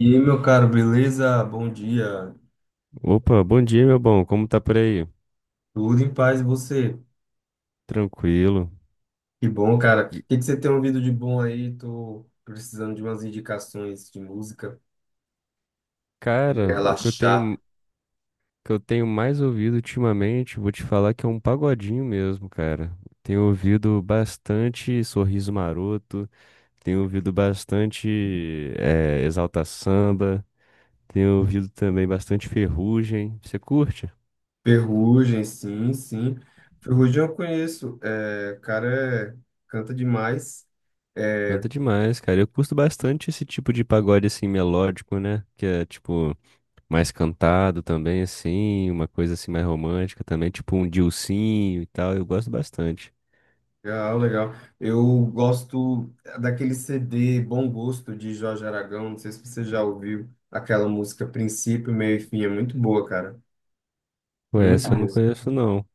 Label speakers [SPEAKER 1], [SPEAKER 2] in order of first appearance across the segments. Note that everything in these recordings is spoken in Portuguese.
[SPEAKER 1] E aí, meu caro, beleza? Bom dia.
[SPEAKER 2] Opa, bom dia, meu bom. Como tá por aí?
[SPEAKER 1] Tudo em paz e você?
[SPEAKER 2] Tranquilo.
[SPEAKER 1] Que bom, cara. O
[SPEAKER 2] E,
[SPEAKER 1] que que você tem ouvido de bom aí? Tô precisando de umas indicações de música.
[SPEAKER 2] Cara, o
[SPEAKER 1] Relaxar.
[SPEAKER 2] que eu tenho mais ouvido ultimamente, vou te falar que é um pagodinho mesmo, cara. Tenho ouvido bastante Sorriso Maroto, tenho ouvido bastante Exalta Samba, tenho ouvido também bastante Ferrugem. Você curte?
[SPEAKER 1] Ferrugem, sim, sim. Ferrugem eu conheço. É, o cara, canta demais. É,
[SPEAKER 2] Canta demais, cara. Eu curto bastante esse tipo de pagode assim melódico, né? Que é tipo mais cantado também, assim, uma coisa assim mais romântica também, tipo um Dilsinho e tal, eu gosto bastante.
[SPEAKER 1] legal, legal. Eu gosto daquele CD Bom Gosto de Jorge Aragão. Não sei se você já ouviu aquela música Princípio, Meio e Fim. É muito boa, cara.
[SPEAKER 2] Pô,
[SPEAKER 1] Muito
[SPEAKER 2] essa eu
[SPEAKER 1] boa.
[SPEAKER 2] não conheço não.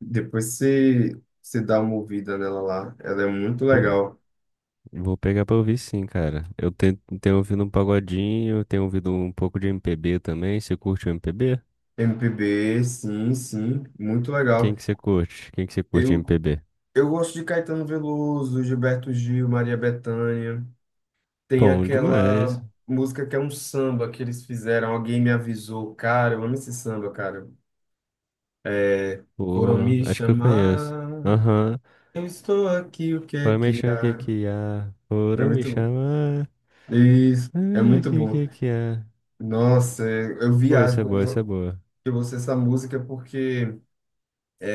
[SPEAKER 1] Depois você dá uma ouvida nela lá. Ela é muito
[SPEAKER 2] Pô,
[SPEAKER 1] legal.
[SPEAKER 2] vou pegar pra ouvir sim, cara. Tenho ouvido um pagodinho, eu tenho ouvido um pouco de MPB também. Você curte o MPB?
[SPEAKER 1] M P B sim, sim, muito
[SPEAKER 2] Quem
[SPEAKER 1] legal.
[SPEAKER 2] que você curte? Quem que você curte de
[SPEAKER 1] Eu,
[SPEAKER 2] MPB?
[SPEAKER 1] eu gosto de Caetano Veloso, Gilberto Gil, Maria Bethânia. Tem
[SPEAKER 2] Bom demais.
[SPEAKER 1] aquela música que é um samba que eles fizeram. Alguém me avisou. Cara, eu amo esse samba, cara. É, foram
[SPEAKER 2] Pô,
[SPEAKER 1] me
[SPEAKER 2] acho que eu conheço.
[SPEAKER 1] chamar,
[SPEAKER 2] Aham.
[SPEAKER 1] eu estou aqui, o que é
[SPEAKER 2] Foram me
[SPEAKER 1] que
[SPEAKER 2] chamar, o que
[SPEAKER 1] há?
[SPEAKER 2] que há?
[SPEAKER 1] É
[SPEAKER 2] Foram me
[SPEAKER 1] muito bom.
[SPEAKER 2] chamar.
[SPEAKER 1] Isso, é
[SPEAKER 2] Ah, o
[SPEAKER 1] muito
[SPEAKER 2] que
[SPEAKER 1] bom.
[SPEAKER 2] que que há?
[SPEAKER 1] Nossa, eu
[SPEAKER 2] Pô,
[SPEAKER 1] viajo
[SPEAKER 2] essa é
[SPEAKER 1] quando
[SPEAKER 2] boa, essa é
[SPEAKER 1] eu,
[SPEAKER 2] boa.
[SPEAKER 1] eu ouço essa música porque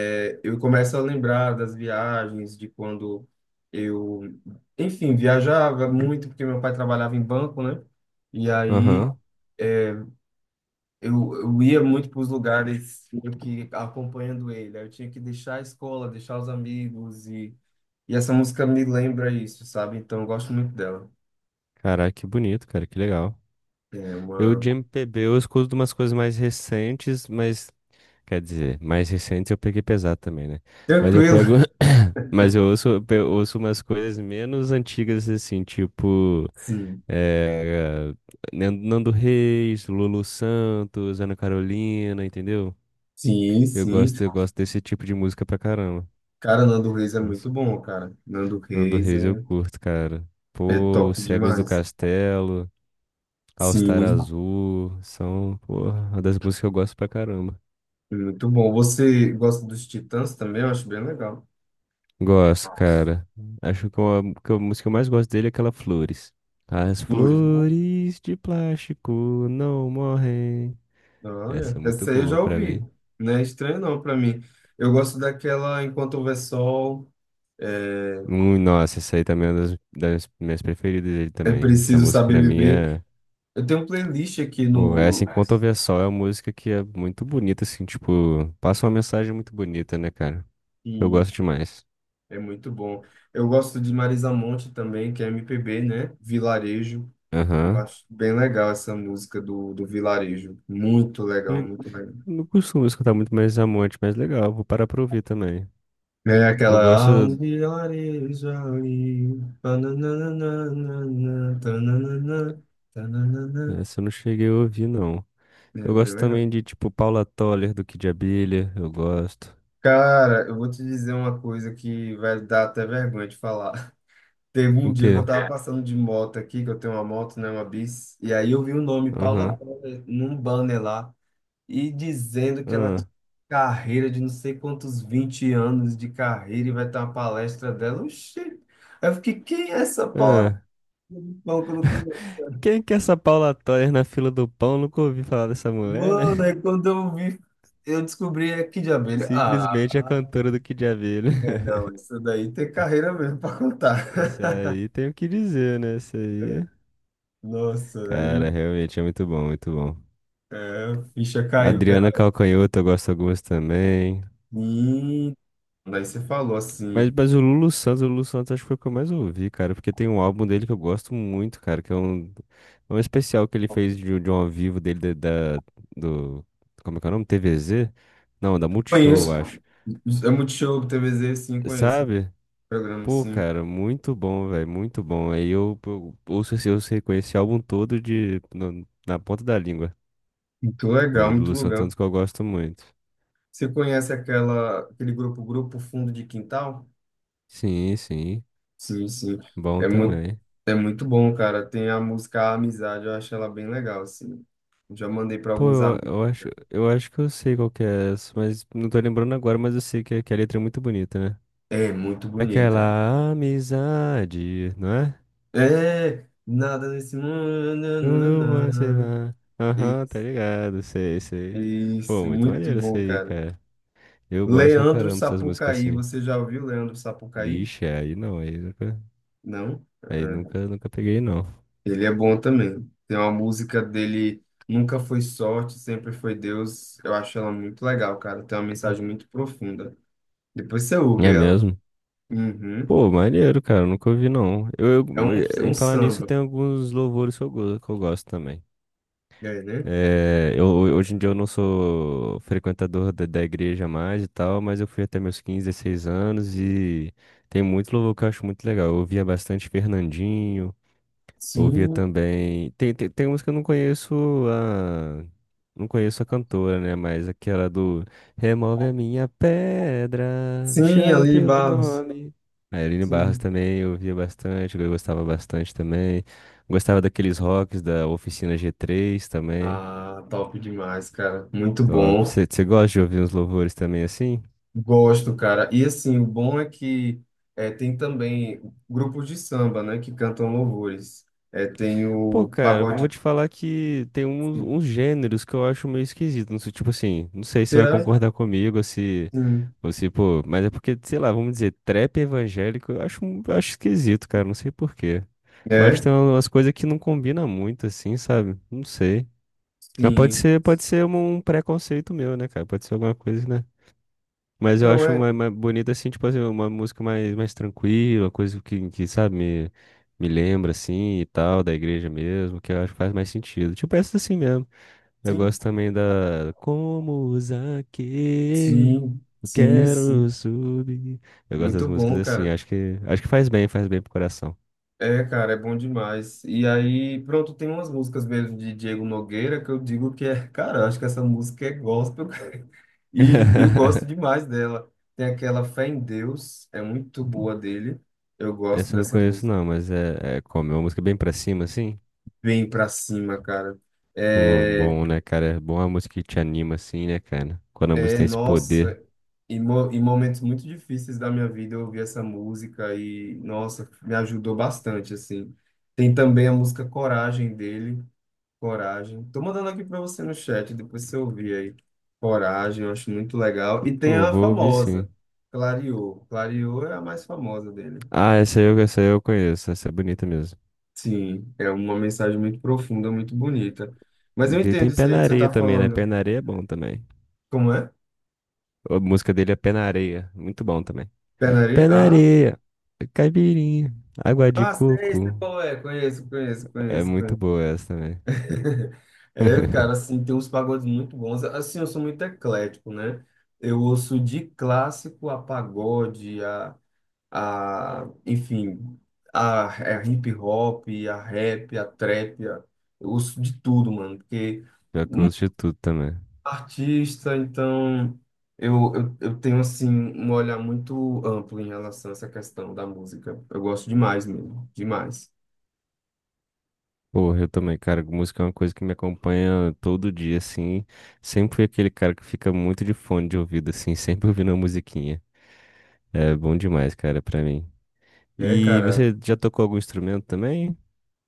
[SPEAKER 1] é, eu começo a lembrar das viagens, de quando eu, enfim, viajava muito, porque meu pai trabalhava em banco, né? E aí
[SPEAKER 2] Aham.
[SPEAKER 1] é, eu ia muito para os lugares meio que acompanhando ele. Aí eu tinha que deixar a escola, deixar os amigos, e essa música me lembra isso, sabe? Então eu gosto muito dela.
[SPEAKER 2] Caraca, que bonito, cara, que legal.
[SPEAKER 1] É
[SPEAKER 2] Eu
[SPEAKER 1] uma.
[SPEAKER 2] de MPB eu escuto umas coisas mais recentes, mas quer dizer, mais recentes eu peguei pesado também, né? Mas eu pego,
[SPEAKER 1] Tranquilo.
[SPEAKER 2] mas eu ouço, ouço umas coisas menos antigas assim, tipo
[SPEAKER 1] Sim.
[SPEAKER 2] eh, Nando Reis, Lulu Santos, Ana Carolina, entendeu?
[SPEAKER 1] Sim, sim.
[SPEAKER 2] Eu gosto desse tipo de música pra caramba.
[SPEAKER 1] Cara, Nando Reis é muito
[SPEAKER 2] Nossa,
[SPEAKER 1] bom, cara. Nando
[SPEAKER 2] Nando
[SPEAKER 1] Reis
[SPEAKER 2] Reis eu
[SPEAKER 1] é,
[SPEAKER 2] curto, cara.
[SPEAKER 1] é
[SPEAKER 2] Pô,
[SPEAKER 1] top
[SPEAKER 2] Cegos do
[SPEAKER 1] demais.
[SPEAKER 2] Castelo. All-Star
[SPEAKER 1] Sim.
[SPEAKER 2] Azul, são, porra, uma das músicas que eu gosto pra caramba.
[SPEAKER 1] Muito bom. Você gosta dos Titãs também? Eu acho bem legal.
[SPEAKER 2] Gosto, cara. Acho que que a música que eu mais gosto dele é aquela Flores. As
[SPEAKER 1] Ui.
[SPEAKER 2] flores de plástico não morrem. Essa
[SPEAKER 1] Olha,
[SPEAKER 2] é muito
[SPEAKER 1] essa aí eu já
[SPEAKER 2] boa pra
[SPEAKER 1] ouvi.
[SPEAKER 2] mim.
[SPEAKER 1] Não é estranho não para mim. Eu gosto daquela Enquanto Houver Sol,
[SPEAKER 2] Nossa, essa aí também é uma das minhas preferidas dele
[SPEAKER 1] É
[SPEAKER 2] também. Essa
[SPEAKER 1] Preciso
[SPEAKER 2] música
[SPEAKER 1] Saber
[SPEAKER 2] pra mim
[SPEAKER 1] Viver.
[SPEAKER 2] é.
[SPEAKER 1] Eu tenho um playlist aqui
[SPEAKER 2] Pô, essa
[SPEAKER 1] no
[SPEAKER 2] Enquanto Houver Sol é uma música que é muito bonita, assim, tipo, passa uma mensagem muito bonita, né, cara? Eu
[SPEAKER 1] que
[SPEAKER 2] gosto demais.
[SPEAKER 1] é muito bom. Eu gosto de Marisa Monte também, que é MPB, né? Vilarejo. Eu
[SPEAKER 2] Aham.
[SPEAKER 1] acho bem legal essa música do, do Vilarejo. Muito legal, muito legal.
[SPEAKER 2] Não costumo escutar muito mais Amonte, mas legal, vou parar pra ouvir também.
[SPEAKER 1] É
[SPEAKER 2] Eu gosto,
[SPEAKER 1] aquela.
[SPEAKER 2] essa eu não cheguei a ouvir, não. Eu
[SPEAKER 1] Meu,
[SPEAKER 2] gosto
[SPEAKER 1] beleza?
[SPEAKER 2] também de, tipo, Paula Toller, do Kid Abelha, eu gosto.
[SPEAKER 1] Cara, eu vou te dizer uma coisa que vai dar até vergonha de falar. Teve um
[SPEAKER 2] O
[SPEAKER 1] dia que eu, o
[SPEAKER 2] quê?
[SPEAKER 1] tava quê, passando de moto aqui, que eu tenho uma moto, né, uma bis, e aí eu vi o nome Paula
[SPEAKER 2] Aham,
[SPEAKER 1] Toller num banner lá e dizendo que ela
[SPEAKER 2] ah,
[SPEAKER 1] tinha carreira de não sei quantos 20 anos de carreira e vai ter uma palestra dela. Oxi! Aí eu fiquei, quem é essa Paula?
[SPEAKER 2] ah.
[SPEAKER 1] Toller?
[SPEAKER 2] Quem que é essa Paula Toller na fila do pão? Nunca ouvi falar dessa mulher, né?
[SPEAKER 1] Mano, aí quando eu vi, eu descobri aqui de abelha.
[SPEAKER 2] Simplesmente a
[SPEAKER 1] Ah,
[SPEAKER 2] cantora do Kid Abelha.
[SPEAKER 1] é, não, isso daí tem carreira mesmo pra contar.
[SPEAKER 2] Isso aí tem o que dizer, né? Isso aí...
[SPEAKER 1] Nossa,
[SPEAKER 2] Cara, realmente é muito bom, muito bom.
[SPEAKER 1] a ficha caiu,
[SPEAKER 2] Adriana
[SPEAKER 1] cara.
[SPEAKER 2] Calcanhoto, eu gosto de algumas também.
[SPEAKER 1] Hum, daí você falou
[SPEAKER 2] Mas,
[SPEAKER 1] assim.
[SPEAKER 2] mas o Lulu Santos acho que foi o que eu mais ouvi, cara, porque tem um álbum dele que eu gosto muito, cara, é um especial que ele fez de um ao vivo dele da- do, como é que é o nome? TVZ? Não, da Multishow, eu
[SPEAKER 1] Conheço.
[SPEAKER 2] acho.
[SPEAKER 1] É Multishow, TVZ, sim, conheço. Esse
[SPEAKER 2] Sabe?
[SPEAKER 1] programa,
[SPEAKER 2] Pô,
[SPEAKER 1] sim.
[SPEAKER 2] cara, muito bom, velho, muito bom. Eu ouço esse, eu sei conhecer esse álbum todo de, no- na ponta da língua.
[SPEAKER 1] Muito legal,
[SPEAKER 2] Aí
[SPEAKER 1] muito
[SPEAKER 2] Lulu Santos é um
[SPEAKER 1] legal.
[SPEAKER 2] dos que eu gosto muito.
[SPEAKER 1] Você conhece aquele grupo, Grupo Fundo de Quintal?
[SPEAKER 2] Sim,
[SPEAKER 1] Sim, sim.
[SPEAKER 2] bom
[SPEAKER 1] É muito,
[SPEAKER 2] também.
[SPEAKER 1] é muito bom, cara. Tem a música Amizade, eu acho ela bem legal, assim. Já mandei para
[SPEAKER 2] Pô,
[SPEAKER 1] alguns
[SPEAKER 2] eu,
[SPEAKER 1] amigos.
[SPEAKER 2] eu acho, eu acho que eu sei qual que é essa, mas não tô lembrando agora, mas eu sei que a letra é muito bonita, né?
[SPEAKER 1] É muito bonita.
[SPEAKER 2] Aquela amizade, não é?
[SPEAKER 1] É, nada nesse mundo.
[SPEAKER 2] Quando você
[SPEAKER 1] Nananana.
[SPEAKER 2] vai. Aham, tá
[SPEAKER 1] Isso,
[SPEAKER 2] ligado, sei, sei.
[SPEAKER 1] isso,
[SPEAKER 2] Pô, muito
[SPEAKER 1] muito
[SPEAKER 2] maneiro isso
[SPEAKER 1] bom,
[SPEAKER 2] aí,
[SPEAKER 1] cara.
[SPEAKER 2] cara. Eu gosto pra
[SPEAKER 1] Leandro
[SPEAKER 2] caramba dessas músicas
[SPEAKER 1] Sapucaí,
[SPEAKER 2] assim.
[SPEAKER 1] você já ouviu Leandro Sapucaí?
[SPEAKER 2] Ixi, aí não,
[SPEAKER 1] Não?
[SPEAKER 2] aí
[SPEAKER 1] É.
[SPEAKER 2] nunca, nunca peguei, não.
[SPEAKER 1] Ele é bom também. Tem uma música dele, Nunca Foi Sorte, Sempre Foi Deus. Eu acho ela muito legal, cara. Tem uma mensagem muito profunda. Depois você
[SPEAKER 2] É
[SPEAKER 1] ouve ela.
[SPEAKER 2] mesmo?
[SPEAKER 1] Uhum.
[SPEAKER 2] Pô, maneiro, cara, nunca ouvi, não.
[SPEAKER 1] É um,
[SPEAKER 2] Em falar nisso,
[SPEAKER 1] samba,
[SPEAKER 2] tem alguns louvores que eu, que eu gosto também.
[SPEAKER 1] é, né?
[SPEAKER 2] É, eu, hoje em dia eu não sou frequentador da igreja mais e tal, mas eu fui até meus 15, 16 anos e tem muito louvor que eu acho muito legal. Eu ouvia bastante Fernandinho, ouvia
[SPEAKER 1] Sim,
[SPEAKER 2] também. Tem uns que eu não conheço a. Não conheço a cantora, né? Mas aquela do Remove a minha pedra, me
[SPEAKER 1] sim,
[SPEAKER 2] chama
[SPEAKER 1] Ali
[SPEAKER 2] pelo
[SPEAKER 1] Barros.
[SPEAKER 2] nome. A Aline Barros
[SPEAKER 1] Sim.
[SPEAKER 2] também eu ouvia bastante, eu gostava bastante também. Gostava daqueles rocks da Oficina G3 também.
[SPEAKER 1] Ah, top demais, cara. Muito
[SPEAKER 2] Top.
[SPEAKER 1] bom.
[SPEAKER 2] Você gosta de ouvir uns louvores também assim?
[SPEAKER 1] Gosto, cara. E assim, o bom é que é, tem também grupos de samba, né, que cantam louvores. É, tem
[SPEAKER 2] Pô,
[SPEAKER 1] o
[SPEAKER 2] cara, vou
[SPEAKER 1] pagode.
[SPEAKER 2] te falar que tem uns,
[SPEAKER 1] Sim.
[SPEAKER 2] uns gêneros que eu acho meio esquisito. Não sei, tipo assim, não sei se você vai
[SPEAKER 1] Será?
[SPEAKER 2] concordar comigo,
[SPEAKER 1] Sim.
[SPEAKER 2] ou se, pô, mas é porque, sei lá, vamos dizer, trap evangélico, eu acho, eu acho esquisito, cara, não sei por quê. Eu acho que
[SPEAKER 1] É?
[SPEAKER 2] tem umas coisas que não combinam muito, assim, sabe? Não sei. Mas
[SPEAKER 1] Sim.
[SPEAKER 2] pode ser um preconceito meu, né, cara? Pode ser alguma coisa, né? Mas eu
[SPEAKER 1] Então
[SPEAKER 2] acho
[SPEAKER 1] é.
[SPEAKER 2] mais bonita, assim, tipo assim, uma música mais tranquila, coisa que, sabe, me lembra, assim, e tal, da igreja mesmo, que eu acho que faz mais sentido. Tipo essa assim mesmo. Eu
[SPEAKER 1] Sim.
[SPEAKER 2] gosto também da Como Zaqueu,
[SPEAKER 1] Sim.
[SPEAKER 2] eu
[SPEAKER 1] Sim,
[SPEAKER 2] quero
[SPEAKER 1] sim.
[SPEAKER 2] subir. Eu gosto das
[SPEAKER 1] Muito
[SPEAKER 2] músicas
[SPEAKER 1] bom,
[SPEAKER 2] assim,
[SPEAKER 1] cara.
[SPEAKER 2] acho que faz bem pro coração.
[SPEAKER 1] É, cara, é bom demais. E aí, pronto, tem umas músicas mesmo de Diego Nogueira que eu digo que é, cara, eu acho que essa música é gospel, cara. E eu gosto demais dela. Tem aquela Fé em Deus, é muito boa dele. Eu gosto
[SPEAKER 2] Essa eu não
[SPEAKER 1] dessa
[SPEAKER 2] conheço
[SPEAKER 1] música.
[SPEAKER 2] não, mas é, é como, é uma música bem pra cima, assim.
[SPEAKER 1] Vem pra cima, cara.
[SPEAKER 2] Pô,
[SPEAKER 1] É,
[SPEAKER 2] bom, né, cara? É bom a música que te anima, assim, né, cara? Quando a música
[SPEAKER 1] é
[SPEAKER 2] tem esse poder.
[SPEAKER 1] nossa, em momentos muito difíceis da minha vida eu ouvi essa música e, nossa, me ajudou bastante, assim. Tem também a música Coragem dele. Coragem. Tô mandando aqui para você no chat, depois você ouvir aí. Coragem, eu acho muito legal. E tem
[SPEAKER 2] Pô,
[SPEAKER 1] a
[SPEAKER 2] vou ouvir sim.
[SPEAKER 1] famosa, Clareou. Clareou é a mais famosa dele.
[SPEAKER 2] Ah, essa eu conheço, essa é bonita mesmo.
[SPEAKER 1] Sim, é uma mensagem muito profunda, muito bonita. Mas eu
[SPEAKER 2] Ele tem
[SPEAKER 1] entendo
[SPEAKER 2] Pé
[SPEAKER 1] isso aí
[SPEAKER 2] na
[SPEAKER 1] que você
[SPEAKER 2] Areia
[SPEAKER 1] tá
[SPEAKER 2] também, né?
[SPEAKER 1] falando.
[SPEAKER 2] Pé na Areia é bom também.
[SPEAKER 1] Como é?
[SPEAKER 2] A música dele é Pé na Areia, muito bom também.
[SPEAKER 1] Pé na areia?
[SPEAKER 2] Pé na
[SPEAKER 1] Ah,
[SPEAKER 2] Areia, caipirinha, água de
[SPEAKER 1] sei
[SPEAKER 2] coco.
[SPEAKER 1] qual é. Conheço, conheço,
[SPEAKER 2] É
[SPEAKER 1] conheço,
[SPEAKER 2] muito
[SPEAKER 1] conheço.
[SPEAKER 2] boa essa também.
[SPEAKER 1] É, cara, assim, tem uns pagodes muito bons. Assim, eu sou muito eclético, né? Eu ouço de clássico a pagode, enfim, a hip hop, a rap, a trap, eu ouço de tudo, mano, porque
[SPEAKER 2] Pior que eu
[SPEAKER 1] muito
[SPEAKER 2] ouço de tudo também.
[SPEAKER 1] artista, então eu tenho, assim, um olhar muito amplo em relação a essa questão da música. Eu gosto demais mesmo, demais.
[SPEAKER 2] Porra, eu também, cara, música é uma coisa que me acompanha todo dia, assim. Sempre fui aquele cara que fica muito de fone de ouvido, assim, sempre ouvindo uma musiquinha. É bom demais, cara, pra mim.
[SPEAKER 1] É,
[SPEAKER 2] E
[SPEAKER 1] cara,
[SPEAKER 2] você já tocou algum instrumento também?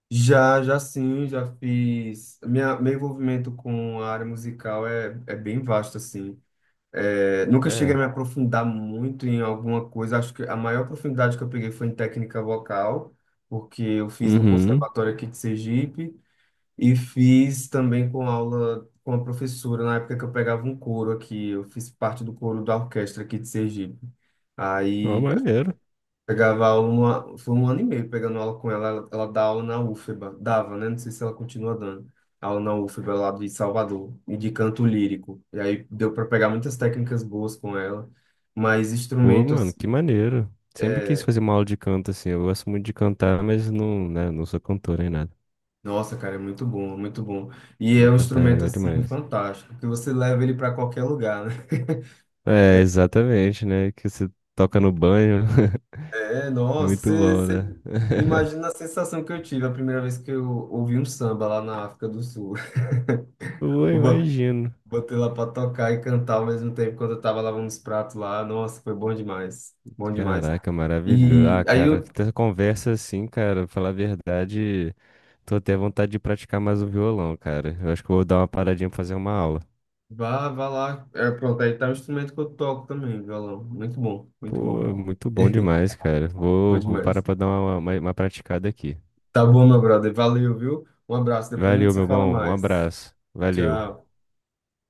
[SPEAKER 1] já, já sim, já fiz. Meu envolvimento com a área musical é bem vasto, assim. É, nunca cheguei a
[SPEAKER 2] É.
[SPEAKER 1] me aprofundar muito em alguma coisa. Acho que a maior profundidade que eu peguei foi em técnica vocal, porque eu fiz no
[SPEAKER 2] Uhum.
[SPEAKER 1] conservatório aqui de Sergipe e fiz também com aula com a professora na época que eu pegava um coro aqui. Eu fiz parte do coro da orquestra aqui de Sergipe.
[SPEAKER 2] Ó,
[SPEAKER 1] Aí
[SPEAKER 2] maneiro.
[SPEAKER 1] pegava aula, foi um ano e meio pegando aula com ela. Ela dá aula na UFBA, dava, né? Não sei se ela continua dando. Aula na UFBA lá de Salvador, e de canto lírico. E aí deu para pegar muitas técnicas boas com ela, mas
[SPEAKER 2] Pô,
[SPEAKER 1] instrumento,
[SPEAKER 2] mano,
[SPEAKER 1] assim,
[SPEAKER 2] que maneiro. Sempre quis
[SPEAKER 1] é,
[SPEAKER 2] fazer uma aula de canto, assim. Eu gosto muito de cantar, mas não, né, não sou cantor nem nada.
[SPEAKER 1] nossa, cara, é muito bom, é muito bom. E é
[SPEAKER 2] Vou
[SPEAKER 1] um
[SPEAKER 2] cantar é
[SPEAKER 1] instrumento,
[SPEAKER 2] legal
[SPEAKER 1] assim,
[SPEAKER 2] demais.
[SPEAKER 1] fantástico, que você leva ele para qualquer lugar, né?
[SPEAKER 2] É, exatamente, né? Que você toca no banho.
[SPEAKER 1] É,
[SPEAKER 2] É
[SPEAKER 1] nossa,
[SPEAKER 2] muito
[SPEAKER 1] você,
[SPEAKER 2] bom,
[SPEAKER 1] você
[SPEAKER 2] né?
[SPEAKER 1] imagina a sensação que eu tive a primeira vez que eu ouvi um samba lá na África do Sul.
[SPEAKER 2] Pô,
[SPEAKER 1] Eu
[SPEAKER 2] imagino.
[SPEAKER 1] botei lá pra tocar e cantar ao mesmo tempo quando eu tava lavando os pratos lá. Nossa, foi bom demais. Bom demais.
[SPEAKER 2] Caraca, maravilhoso.
[SPEAKER 1] E
[SPEAKER 2] Ah,
[SPEAKER 1] aí
[SPEAKER 2] cara,
[SPEAKER 1] eu.
[SPEAKER 2] essa conversa assim, cara, pra falar a verdade, tô até à vontade de praticar mais o violão, cara. Eu acho que eu vou dar uma paradinha pra fazer uma aula.
[SPEAKER 1] Vá, vá lá. É, pronto, aí tá o instrumento que eu toco também, violão. Muito bom, muito
[SPEAKER 2] Pô,
[SPEAKER 1] bom.
[SPEAKER 2] muito bom demais, cara.
[SPEAKER 1] Bom
[SPEAKER 2] Vou parar
[SPEAKER 1] demais.
[SPEAKER 2] pra dar uma, uma praticada aqui.
[SPEAKER 1] Tá bom, meu brother. Valeu, viu? Um abraço. Depois a
[SPEAKER 2] Valeu,
[SPEAKER 1] gente se
[SPEAKER 2] meu
[SPEAKER 1] fala
[SPEAKER 2] bom. Um
[SPEAKER 1] mais.
[SPEAKER 2] abraço. Valeu.
[SPEAKER 1] Tchau.